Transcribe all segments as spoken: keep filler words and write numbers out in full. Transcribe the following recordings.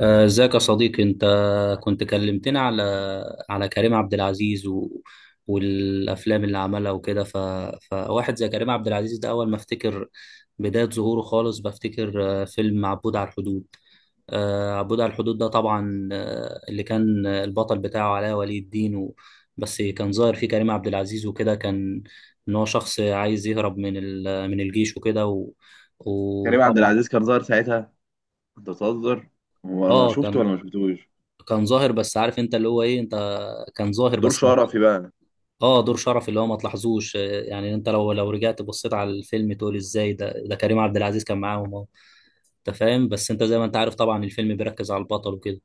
آه، ازيك يا صديقي انت؟ كنت كلمتنا على على كريم عبد العزيز و... والافلام اللي عملها وكده، ف... فواحد زي كريم عبد العزيز ده اول ما افتكر بداية ظهوره خالص بفتكر آه، فيلم عبود على الحدود. آه، عبود على الحدود ده طبعا آه، اللي كان البطل بتاعه علاء ولي الدين و... بس كان ظاهر فيه كريم عبد العزيز وكده. كان ان هو شخص عايز يهرب من ال... من الجيش وكده و... كريم عبد وطبعا. العزيز كان ظاهر ساعتها. انت بتهزر؟ هو انا اه، شفته كان ولا ما شفتوش؟ كان ظاهر، بس عارف انت اللي هو ايه انت. كان ظاهر دور بس ما... شرفي بقى. اه، دور شرف اللي هو ما تلاحظوش. آه، يعني انت لو لو رجعت بصيت على الفيلم تقول ازاي ده ده كريم عبد العزيز كان معاهم اهو. انت فاهم، بس انت زي ما انت عارف طبعا الفيلم بيركز على البطل وكده.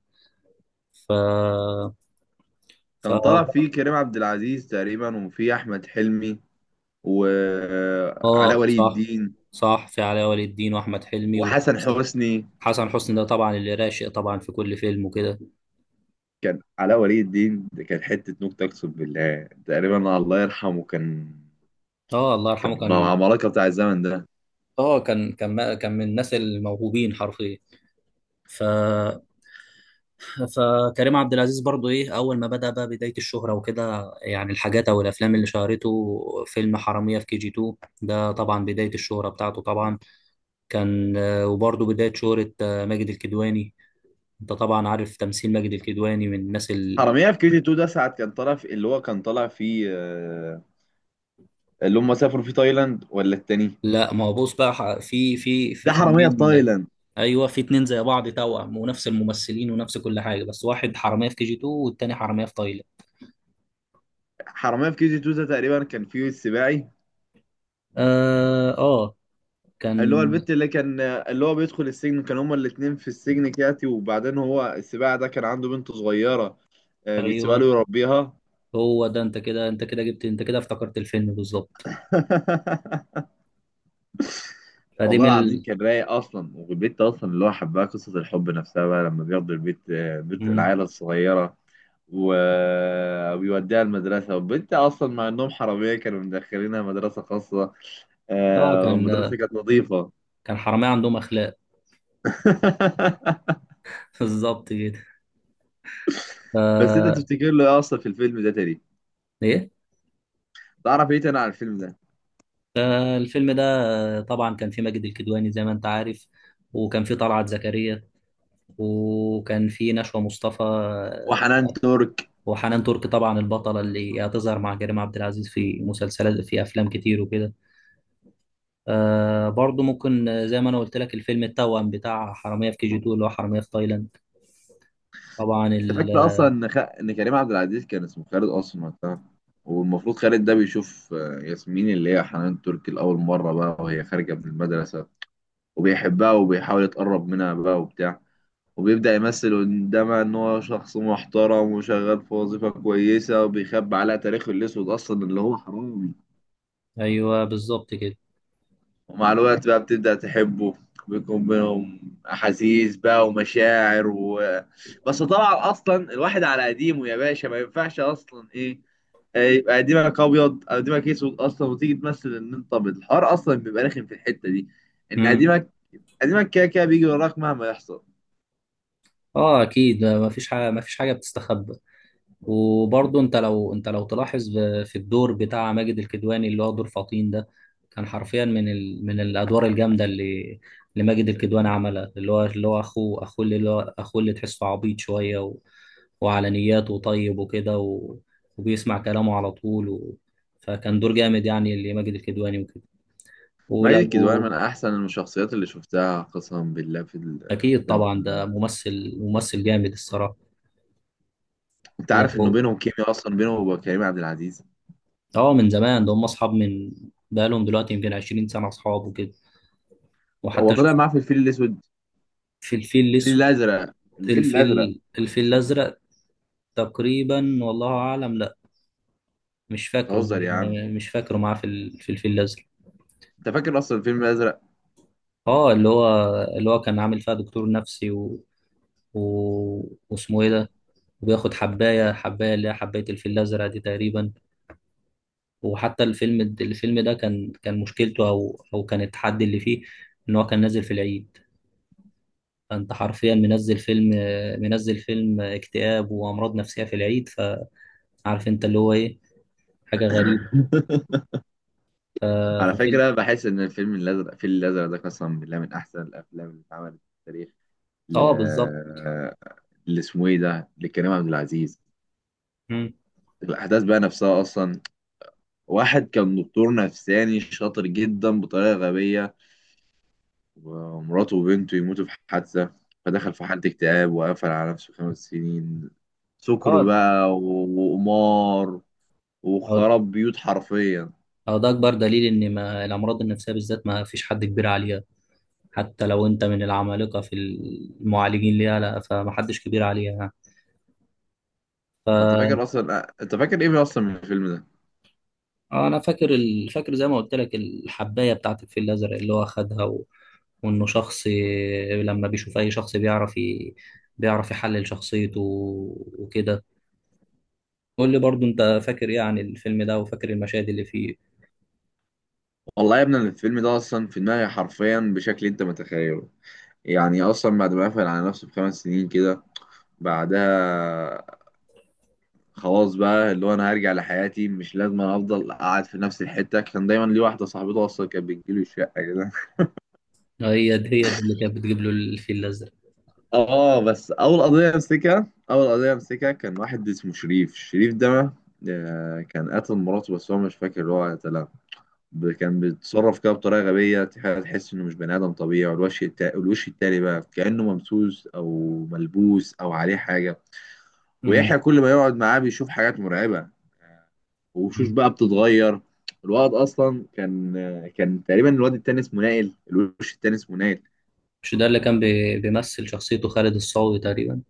ف كان طالع ف فيه كريم عبد العزيز تقريبا، وفيه احمد حلمي وعلاء اه ولي صح، الدين صح، في علاء ولي الدين واحمد حلمي وحسن وحسن حسني. حسني. ده طبعا اللي راشق طبعا في كل فيلم وكده. كان علاء ولي الدين ده كان حته نكته، اقسم بالله. تقريبا الله يرحمه، كان اه، الله كان يرحمه من كان. العمالقه بتاع الزمن ده. اه، كان كان كان من الناس الموهوبين حرفيا. ف فكريم عبد العزيز برضو ايه اول ما بدأ بقى بداية الشهرة وكده، يعني الحاجات او الافلام اللي شهرته فيلم حرامية في كي جي اتنين. ده طبعا بداية الشهرة بتاعته طبعا. كان آه، وبرضو بداية شهرة آه، ماجد الكدواني. انت طبعا عارف تمثيل ماجد الكدواني من الناس ال... حرامية في كي جي اتنين ده ساعة كان طالع في اللي هو كان طالع فيه آه، اللي هم سافروا في تايلاند ولا التاني؟ لا، ما هو بص بقى، ح- في في في ده حرامية في فيلمين. تايلاند. ايوه، في اتنين زي بعض، توأم ونفس الممثلين ونفس كل حاجة، بس واحد حرامية في كي جي اثنين والتاني حرامية في تايلاند. حرامية في كي جي اتنين ده تقريبا كان فيه السباعي، اه، آه، كان. اللي هو البت اللي كان اللي هو بيدخل السجن. كان هما الاتنين في السجن كياتي، وبعدين هو السباعي ده كان عنده بنت صغيرة، آه، بيسيبها له ايوه، يربيها. هو ده، انت كده، انت كده جبت، انت كده افتكرت الفيلم بالظبط. فدي والله من العظيم ال... كان رايق اصلا، والبت اصلا اللي هو حبها، قصة الحب نفسها بقى لما بياخدوا البت، آه، بنت مم. العيلة الصغيرة، و- وبيوديها المدرسة. والبنت أصلا مع إنهم حرامية كانوا مدخلينها مدرسة خاصة، اه، آه، كان والمدرسة كانت نظيفة. كان حرامية عندهم اخلاق. بالظبط كده. بس انت ف تفتكر له ايه اصلا في الفيلم ده تاني؟ ايه تعرف ايه تاني عن الفيلم ده؟ فالفيلم ده آه، طبعا كان فيه ماجد الكدواني زي ما انت عارف، وكان فيه طلعت زكريا، وكان فيه نشوى مصطفى آه، وحنان ترك. وحنان ترك طبعا البطلة اللي هتظهر مع كريم عبد العزيز في مسلسلات، في أفلام كتير وكده. آه، برضو ممكن آه، زي ما أنا قلت لك، الفيلم التوأم بتاع حرامية في كي جي اتنين اللي هو حرامية في تايلاند. طبعا انت ال- فاكر اصلا ان خ... ان كريم عبد العزيز كان اسمه خالد اصلا وقتها؟ والمفروض خالد ده بيشوف، آه، ياسمين اللي هي حنان ترك لاول مره بقى وهي خارجه من المدرسه، وبيحبها وبيحاول يتقرب منها بقى وبتاع. وبيبدأ يمثل قدامها إن هو شخص محترم وشغال في وظيفة كويسة، وبيخبي عليها تاريخه الأسود أصلا اللي هو حرامي. ايوه بالظبط كده. ومع الوقت بقى بتبدأ تحبه، بيكون بينهم أحاسيس بقى ومشاعر و... بس طبعا أصلا الواحد على قديمه يا باشا ما ينفعش أصلا إيه، آه، يبقى قديمك أبيض أو قديمك أسود أصلا وتيجي تمثل إن أنت أبيض. الحوار أصلا بيبقى رخم في الحتة دي. إن امم قديمك قديمك كده كده بيجي وراك مهما يحصل. اه، اكيد، ما فيش حاجه ما فيش حاجه بتستخبى. وبرضه انت لو، انت لو تلاحظ، ب- في الدور بتاع ماجد الكدواني اللي هو دور فطين ده، كان حرفيا من ال... من الادوار الجامده اللي، اللي ماجد الكدواني عملها، اللي هو، اللي هو اخوه، اخوه اللي اللي هو اخوه اللي تحسه عبيط شويه و... وعلى نياته طيب وكده و... وبيسمع كلامه على طول و... فكان دور جامد يعني اللي ماجد الكدواني وكده. ماجد الكدواني ولو، من أحسن الشخصيات اللي شفتها قسما بالله في اكيد الأفلام طبعا ده كلها. ممثل، ممثل جامد الصراحه. أنت عارف إنه لو، بينهم كيميا أصلا بينه وبين كريم عبد العزيز. اه، من زمان، ده هم اصحاب من، بقالهم دلوقتي يمكن عشرين سنه اصحاب وكده، هو وحتى طلع شوف. معاه في الفيل الأسود. في الفيل الفيل الاسود، الأزرق. الفيل الأزرق الفيل الفيل الازرق تقريبا والله اعلم. لا، مش فاكره. بتهزر يا عم. مش فاكره معاه في ال- في الفيل الازرق. انت فاكر اصلا الفيلم الازرق؟ اه، اللي هو، اللي هو كان عامل فيها دكتور نفسي و... و... واسمه ايه ده. وبياخد حبايه، حبايه اللي هي حبايه الفيل الازرق دي تقريبا. وحتى الفيلم، الفيلم ده كان كان مشكلته، او او كان التحدي اللي فيه ان هو كان نازل في العيد. فانت حرفيا منزل فيلم، منزل فيلم اكتئاب وامراض نفسيه في العيد. فعارف انت اللي هو ايه، حاجه غريبه. ف- على ففيلم، فكره بحس ان الفيلم الازرق الفيل الازرق ده قسما بالله من احسن الافلام اللي اتعملت في التاريخ. ل اه، بالظبط. اللي اسمه ايه ده لكريم عبد العزيز. مم. الاحداث بقى نفسها اصلا، واحد كان دكتور نفساني شاطر جدا بطريقه غبيه، ومراته وبنته يموتوا في حادثه، فدخل في حاله اكتئاب وقفل على نفسه خمس سنين. سكر اه. بقى و- وقمار اه. وخرب بيوت حرفيا. آه، ده اكبر دليل ان ما الامراض النفسيه بالذات ما فيش حد كبير عليها. حتى لو انت من العمالقه في المعالجين ليها لا، فمحدش كبير عليها. وانت فاكر اصلا، آه، انت فاكر ايه اصلا من الفيلم ده؟ آه، انا فاكر ال... فاكر زي ما قلت لك، الحبايه بتاعت الفيل الازرق اللي هو خدها و... وانه شخص لما بيشوف اي شخص بيعرف ي... بيعرف يحلل شخصيته وكده. قول لي برضو، انت فاكر ايه عن الفيلم ده، وفاكر المشاهد اللي فيه. والله يا ابني أنا الفيلم ده اصلا في دماغي حرفيا بشكل انت متخيله. يعني اصلا بعد ما قفل على نفسه بخمس سنين كده، بعدها خلاص بقى اللي هو انا هرجع لحياتي، مش لازم أنا افضل قاعد في نفس الحته. كان دايما ليه واحده صاحبته اصلا كانت بتجيله الشقه كده. هي دي هي دي اللي كانت بتجيب له الفيل الازرق. اه بس اول قضيه امسكها اول قضيه امسكها كان واحد اسمه شريف. شريف ده، آه، كان قتل مراته بس هو مش فاكر هو قتلها. ب- كان بيتصرف كده بطريقه غبيه، تح- تحس انه مش بني ادم طبيعي. والوش التا... الوش التاني بقى كانه ممسوس او ملبوس او عليه حاجه. مم. ويحيى كل ما يقعد معاه بيشوف حاجات مرعبه، وشوش مم. بقى بتتغير. الواد اصلا كان كان تقريبا الواد التاني اسمه نائل، الوش التاني اسمه نائل. مش ده اللي كان بي... بيمثل شخصيته خالد الصاوي تقريبا.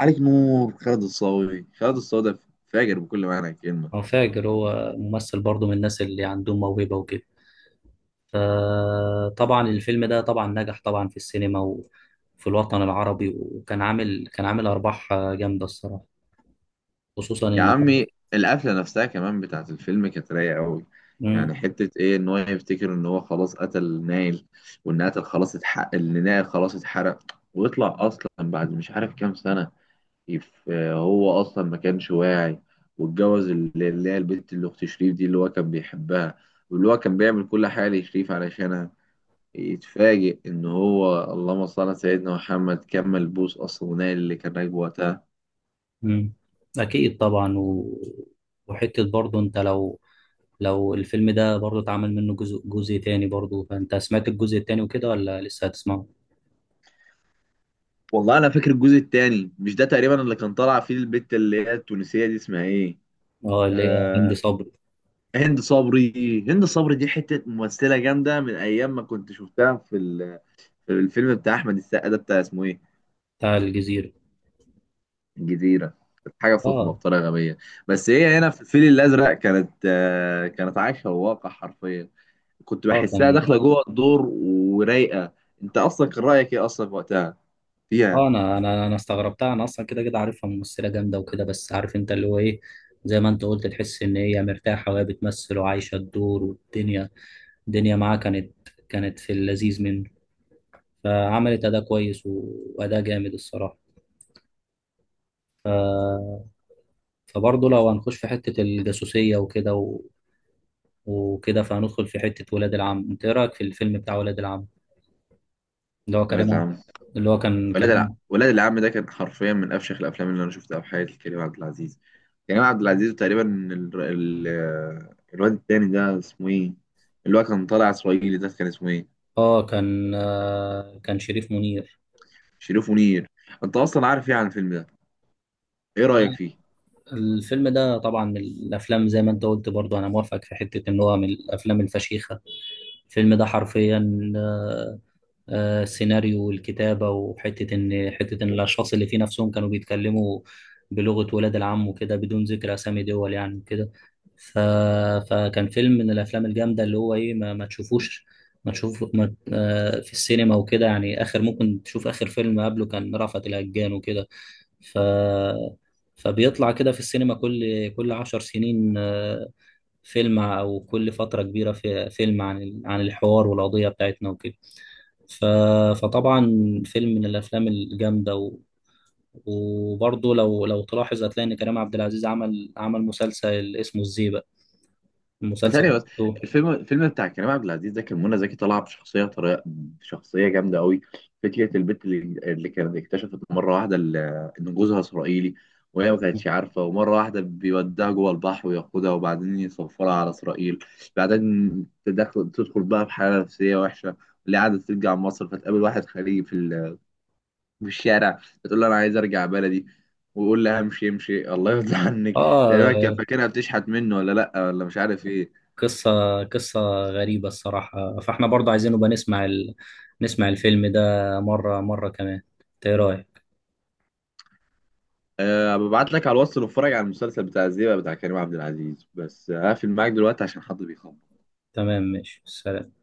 عليك نور. خالد الصاوي خالد الصاوي ده فاجر بكل معنى الكلمه. انا فاكر هو ممثل برضو من الناس اللي عندهم موهبه وكده. فطبعا الفيلم ده طبعا نجح طبعا في السينما وفي الوطن العربي، وكان عامل، كان عامل ارباح جامده الصراحه، خصوصا يا انه حاجه. عمي، القفلة نفسها كمان بتاعت الفيلم كانت رايقة أوي. مم. يعني حتة إيه، إن هو يفتكر إن هو خلاص قتل نايل، وإن قتل خلاص اتحقق إن نايل خلاص اتحرق. ويطلع أصلا بعد مش عارف كام سنة، يف... هو أصلا ما كانش واعي، واتجوز اللي اللي هي البنت اللي أخت شريف دي اللي هو كان بيحبها، واللي هو كان بيعمل كل حاجة لشريف علشانها. يتفاجئ إن هو اللهم صل على سيدنا محمد كمل بوس أصلا، ونايل اللي كان راكبه وقتها. مم. اكيد طبعا و... وحته برضه انت لو، لو الفيلم ده برضه اتعمل منه جزء جزء تاني، برضه فانت سمعت الجزء التاني وكده ولا لسه هتسمعه؟ والله انا فاكر الجزء الثاني مش ده تقريبا اللي كان طالع فيه البت اللي هي التونسيه دي، اسمها ايه؟ اه، اللي هي هند آه، صبري. هند صبري. هند صبري دي حته ممثله جامده، من ايام ما كنت شفتها في، ال- في الفيلم بتاع احمد السقا ده بتاع اسمه ايه؟ بتاع الجزيره. الجزيره. كانت حاجه فخمه اه. بطريقه غبيه. بس هي هنا في الفيل الازرق كانت آه، كانت عايشه الواقع حرفيا. كنت اه بحسها كان. داخله جوه الدور ورايقه. انت اصلا كان رايك ايه اصلا وقتها؟ اه، انا، انا انا استغربتها. انا اصلا كده كده عارفها ممثله جامده وكده، بس عارف انت اللي هو ايه، زي ما انت قلت، تحس ان هي مرتاحه وهي بتمثل وعايشه الدور والدنيا. الدنيا معاها كانت كانت في اللذيذ منه. فعملت اداء كويس و- واداء جامد الصراحه. ف... فبرضه لو هنخش في حته الجاسوسيه وكده و... وكده فهندخل في حته ولاد العم. انت ايه رايك في الفيلم بتاع ولاد العم؟ اللي هو كريم عبد-، فيها. اللي هو كان ولاد كريم الع... عبد-، ولاد العم ده كان حرفيا من افشخ الافلام اللي انا شفتها في حياتي. كريم عبد العزيز. كريم عبد العزيز تقريبا، ال... ال... الواد التاني ده اسمه ايه؟ اللي هو كان طالع اسرائيلي ده كان اسمه ايه؟ اه، كان آه كان شريف منير. شريف منير. انت اصلا عارف ايه عن الفيلم ده؟ ايه رايك فيه؟ الفيلم ده طبعا من الافلام، زي ما انت قلت برضو انا موافقك، في حته ان هو من الافلام الفشيخه. الفيلم ده حرفيا آه، آه، السيناريو والكتابه، وحته ان، حته ان الاشخاص اللي فيه نفسهم كانوا بيتكلموا بلغه ولاد العم وكده بدون ذكر اسامي دول يعني وكده. ف... فكان فيلم من الافلام الجامده اللي هو ايه، ما, ما تشوفوش، ما تشوف ما... آه، في السينما وكده. يعني اخر ممكن تشوف اخر فيلم قبله كان رأفت الهجان وكده. ف فبيطلع كده في السينما كل كل عشر سنين آه، فيلم، أو كل فترة كبيرة في فيلم عن ال- عن الحوار والقضية بتاعتنا وكده. ف... فطبعا فيلم من الأفلام الجامدة و... وبرضه لو لو تلاحظ هتلاقي إن كريم عبد العزيز عمل عمل مسلسل اسمه الزيبق. المسلسل ثانية بس. بتاعته. الفيلم الفيلم بتاع كريم عبد العزيز ده كان منى زكي طالعة بشخصية طريقة بشخصية جامدة قوي. فكرة البنت اللي, اللي كانت اكتشفت مرة واحدة ال- إن جوزها إسرائيلي وهي ما كانتش عارفة، ومرة واحدة بيوديها جوه البحر وياخدها وبعدين يسفرها على إسرائيل. بعدين تدخل تدخل بقى في حالة نفسية وحشة، اللي قاعدة ترجع مصر. فتقابل واحد خليجي في ال- في الشارع، فتقول له أنا عايز أرجع بلدي، ويقول لها امشي امشي الله يرضى عنك. تقريبا كان آه. فاكرها بتشحت منه ولا لأ، ولا مش عارف إيه. قصة قصة غريبة الصراحة. فإحنا برضه عايزين نبقى نسمع ال... نسمع الفيلم ده مرة مرة كمان. إنت إيه رأيك؟ أه، ببعت لك على الواتس نتفرج على المسلسل بتاع الزيبق بتاع كريم عبد العزيز، بس هقفل معاك دلوقتي عشان حد بيخبط. تمام، ماشي، سلام.